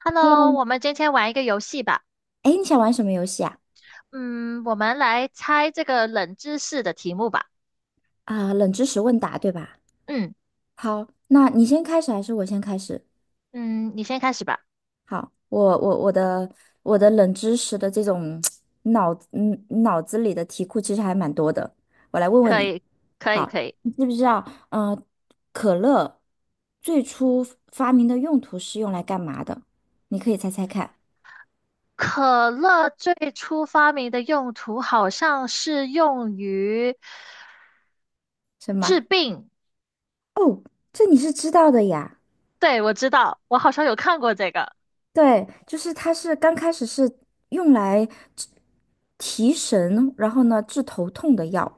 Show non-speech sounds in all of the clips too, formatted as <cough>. Hello，Hello，我们今天玩一个游戏吧。哎，你想玩什么游戏啊？嗯，我们来猜这个冷知识的题目吧。啊、冷知识问答，对吧？嗯好，那你先开始还是我先开始？嗯，你先开始吧。好，我的冷知识的这种 <tsk> 脑子里的题库其实还蛮多的，我来问问可你。以，可以，好，可以。你知不知道？可乐最初发明的用途是用来干嘛的？你可以猜猜看，可乐最初发明的用途好像是用于什治么？病。哦，这你是知道的呀。对，我知道，我好像有看过这个。对，就是它是刚开始是用来治提神，然后呢治头痛的药，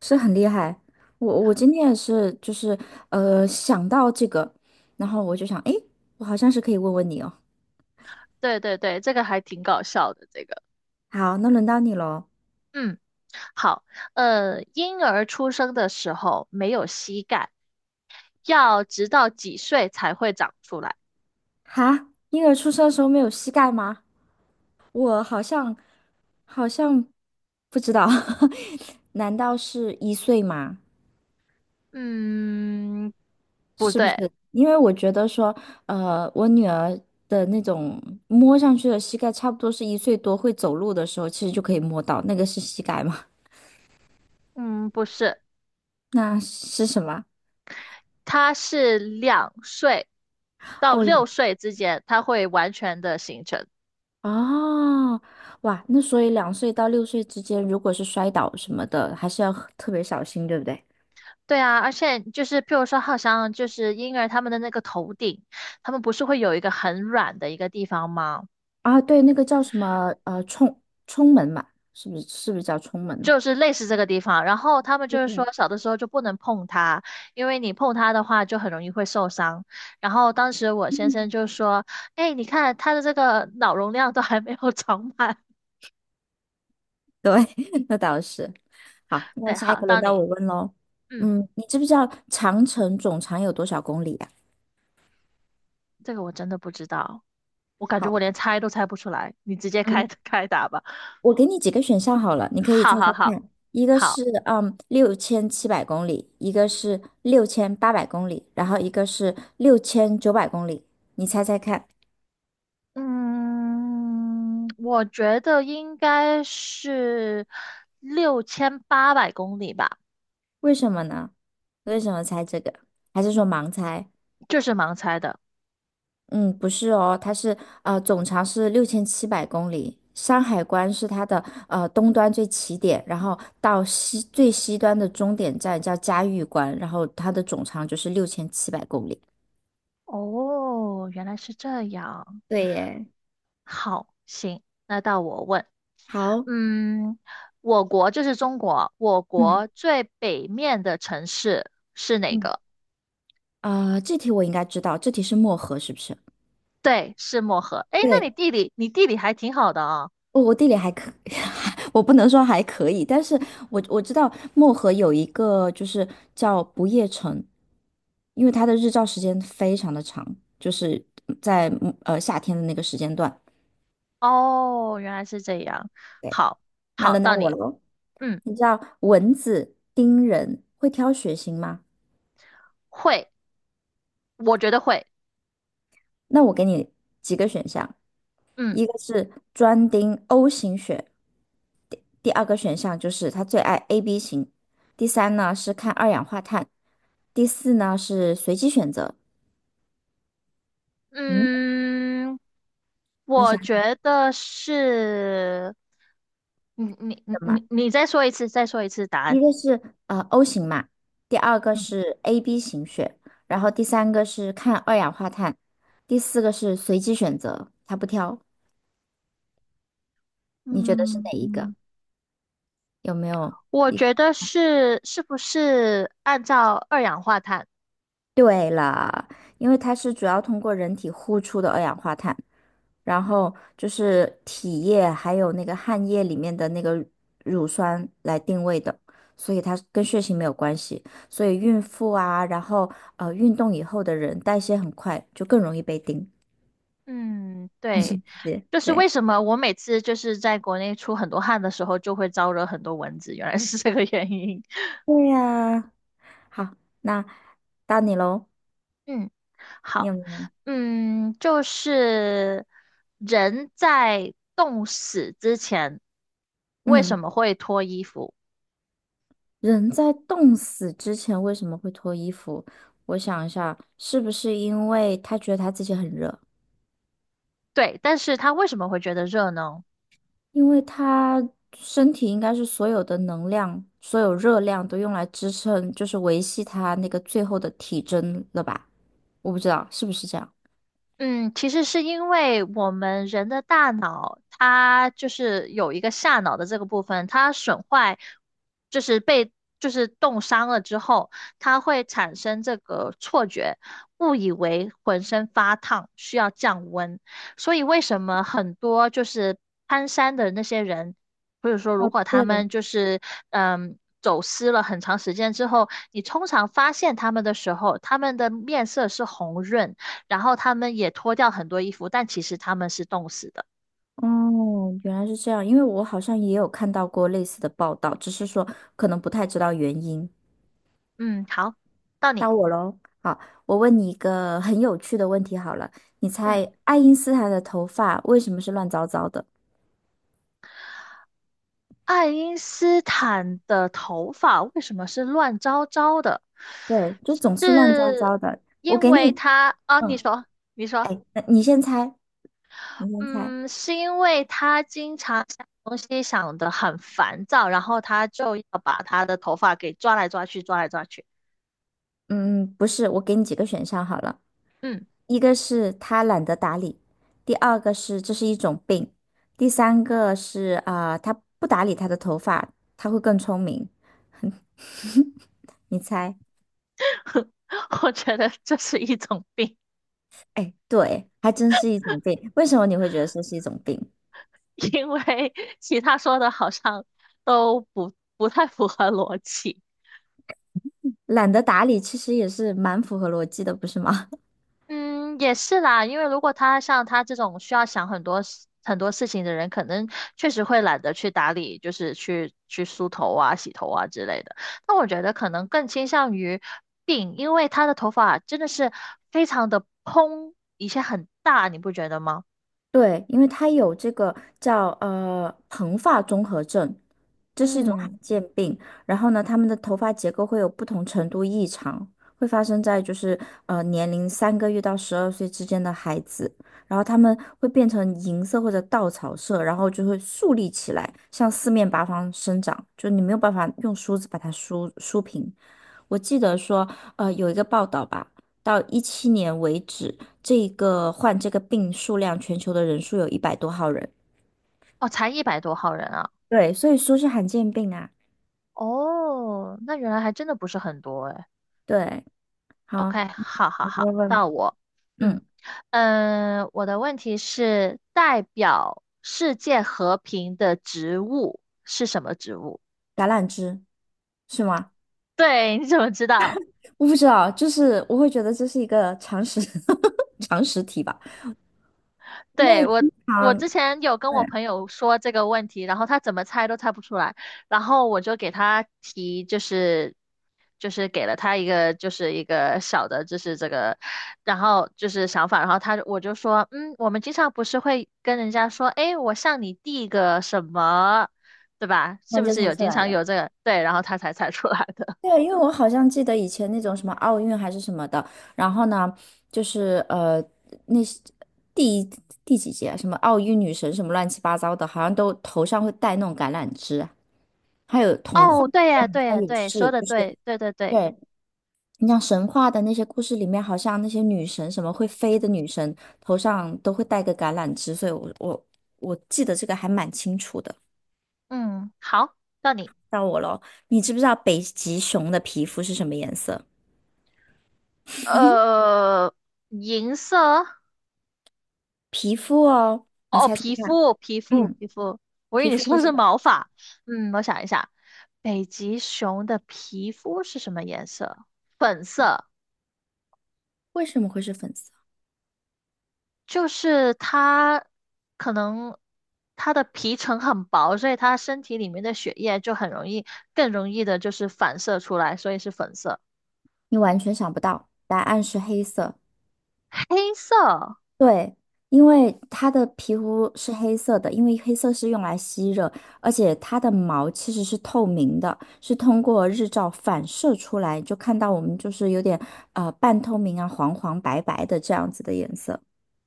是很厉害。我今天也是，就是想到这个，然后我就想，诶，我好像是可以问问你哦。对对对，这个还挺搞笑的。这个，好，那轮到你喽。嗯，好。婴儿出生的时候没有膝盖，要直到几岁才会长出来？哈，婴儿出生的时候没有膝盖吗？我好像不知道，<laughs> 难道是1岁吗？嗯，不是不是？对，因为我觉得说，我女儿的那种摸上去的膝盖，差不多是一岁多会走路的时候，其实就可以摸到，那个是膝盖吗？嗯，不是，<laughs> 那是什么？它是2岁到哦，6岁之间，它会完全的形成。哦，哇，那所以2岁到6岁之间，如果是摔倒什么的，还是要很特别小心，对不对？对啊，而且就是譬如说，好像就是婴儿他们的那个头顶，他们不是会有一个很软的一个地方吗？啊，对，那个叫什么？冲门嘛，是不是？是不是叫冲门？就是类似这个地方，然后他们就是 OK，说小的时候就不能碰它，因为你碰它的话就很容易会受伤。然后当时我先生嗯，就说：“哎，你看他的这个脑容量都还没有长满。”对，<laughs> 那倒是。好，那对，下一好，个轮到到你。我问喽。嗯，嗯，你知不知道长城总长有多少公里啊？这个我真的不知道，我感觉好，我连猜都猜不出来，你直接嗯，开 <laughs> 开打吧。我给你几个选项好了，你可以好猜猜好好看。一个好，是六千七百公里，一个是6800公里，然后一个是6900公里。你猜猜看，嗯，我觉得应该是6800公里吧，为什么呢？为什么猜这个？还是说盲猜？这是盲猜的。嗯，不是哦，它是总长是六千七百公里，山海关是它的东端最起点，然后到最西端的终点站叫嘉峪关，然后它的总长就是六千七百公里。哦，原来是这样。对耶，好，行，那到我问。好，嗯，我国就是中国，我嗯国最北面的城市是哪嗯，个？啊、这题我应该知道，这题是漠河是不是？对，是漠河。哎，那你对，地理，你地理还挺好的啊。我地理<laughs> 我不能说还可以，但是我知道漠河有一个就是叫不夜城，因为它的日照时间非常的长，就是在夏天的那个时间段。哦，原来是这样。对，好，那好，轮到到我你。喽。嗯，你知道蚊子叮人会挑血型吗？会，我觉得会。那我给你几个选项一嗯个是专盯 O 型血，第二个选项就是他最爱 AB 型，第三呢是看二氧化碳，第四呢是随机选择。嗯，嗯，你我想觉什得是。你你你么？你你再说一次，再说一次答案。一个是O 型嘛，第二个嗯是 AB 型血，然后第三个是看二氧化碳，第四个是随机选择，他不挑，你觉得是哪嗯一个？嗯，有没有？我一觉得是，是不是按照二氧化碳？对了，因为它是主要通过人体呼出的二氧化碳，然后就是体液还有那个汗液里面的那个乳酸来定位的，所以它跟血型没有关系。所以孕妇啊，然后运动以后的人代谢很快，就更容易被叮，嗯，很神对，奇。就是对，为什么我每次就是在国内出很多汗的时候，就会招惹很多蚊子，原来是这个原因。<laughs> 对呀。好，那到你喽，嗯，你好，有没有？就是人在冻死之前为嗯。什么会脱衣服？人在冻死之前为什么会脱衣服？我想一下，是不是因为他觉得他自己很热？对，但是他为什么会觉得热呢？因为他身体应该是所有的能量、所有热量都用来支撑，就是维系他那个最后的体征了吧？我不知道是不是这样。嗯，其实是因为我们人的大脑，它就是有一个下脑的这个部分，它损坏，就是被就是冻伤了之后，它会产生这个错觉，误以为浑身发烫，需要降温。所以为什么很多就是攀山的那些人，或者说如哦，果他对，们就是走失了很长时间之后，你通常发现他们的时候，他们的面色是红润。然后他们也脱掉很多衣服，但其实他们是冻死的。哦，原来是这样，因为我好像也有看到过类似的报道，只是说可能不太知道原因。嗯，好，到到你。我喽。好，我问你一个很有趣的问题好了，你嗯，猜爱因斯坦的头发为什么是乱糟糟的？爱因斯坦的头发为什么是乱糟糟的？对，就总是乱糟是糟的。我因给为你，他啊？你嗯，说，你说，哎，那你先猜，你先猜。嗯，是因为他经常想东西想得很烦躁，然后他就要把他的头发给抓来抓去，抓来抓去。嗯，不是，我给你几个选项好了，嗯，一个是他懒得打理，第二个是这是一种病，第三个是啊、他不打理他的头发，他会更聪明。你猜？<laughs> 我觉得这是一种病。哎，对，还真是一种病。为什么你会觉得这是一种病？<laughs> 因为其他说的好像都不太符合逻辑。懒得打理其实也是蛮符合逻辑的，不是吗？<laughs> 嗯，也是啦，因为如果他像他这种需要想很多事情的人，可能确实会懒得去打理，就是去梳头啊、洗头啊之类的。那我觉得可能更倾向于病，因为他的头发真的是非常的蓬，以前很大，你不觉得吗？对，因为它有这个叫蓬发综合症，这是一种罕嗯，见病。然后呢，他们的头发结构会有不同程度异常，会发生在就是年龄3个月到12岁之间的孩子。然后他们会变成银色或者稻草色，然后就会竖立起来，向四面八方生长，就你没有办法用梳子把它梳梳平。我记得说，有一个报道吧，到17年为止，这个患这个病数量，全球的人数有100多号人。哦，才100多号人啊。对，所以说是罕见病啊。哦，那原来还真的不是很多诶。对，好，OK，好好你好，问问，到我，嗯，嗯，我的问题是代表世界和平的植物是什么植物？橄榄枝是吗？<laughs> 对，你怎么知道？我不知道，就是我会觉得这是一个常识 <laughs> 常识题吧，因为对，我，经我常之前有跟对，我朋友说这个问题，然后他怎么猜都猜不出来，然后我就给他提，就是给了他一个就是一个小的，就是这个，然后就是想法，然后我就说，我们经常不是会跟人家说，诶，我向你递个什么，对吧？那是不就是猜有出经来常了。有这个？对，然后他才猜出来的。对啊，因为我好像记得以前那种什么奥运还是什么的，然后呢，就是那是第一第几届啊什么奥运女神什么乱七八糟的，好像都头上会戴那种橄榄枝啊，还有童话哦，对好呀，对像呀，也对，是，说的就是对，对对对，对，你像神话的那些故事里面，好像那些女神什么会飞的女神头上都会戴个橄榄枝，所以我记得这个还蛮清楚的。嗯，好，到你，到我咯，你知不知道北极熊的皮肤是什么颜色？呃，银色。皮肤哦，你哦，哦猜猜皮看。肤，皮肤，嗯，皮肤，我以为皮你肤说会的是是毛发。我想一下，北极熊的皮肤是什么颜色？粉色，为什么会是粉色？就是它可能它的皮层很薄，所以它身体里面的血液就很容易，更容易的就是反射出来，所以是粉色。你完全想不到，答案是黑色。黑色，对，因为它的皮肤是黑色的，因为黑色是用来吸热，而且它的毛其实是透明的，是通过日照反射出来，就看到我们就是有点半透明啊，黄黄白白的这样子的颜色。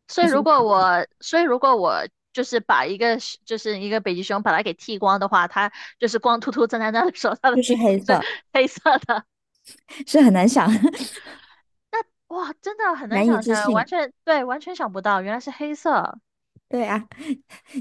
所你以是如不是果想不到我，所以如果我就是把一个是就是一个北极熊把它给剃光的话，它就是光秃秃站在那里的时候，它的就皮是肤黑是色，黑色的。是很难想，<laughs> 哇，真的很难难以想置象，完信。全对，完全想不到，原来是黑色，对啊，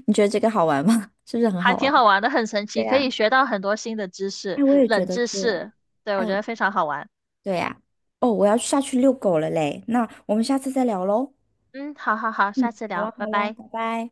你觉得这个好玩吗？<laughs> 是不是很还好挺玩？好玩的，很神奇，对可呀，以学到很多新的知识，哎，我也觉冷得知是哎。识，对，我哎，觉得非常好玩。对呀、哦，我要下去遛狗了嘞，那我们下次再聊喽。嗯，好好好，下嗯，次好聊，了拜好了，拜。拜拜。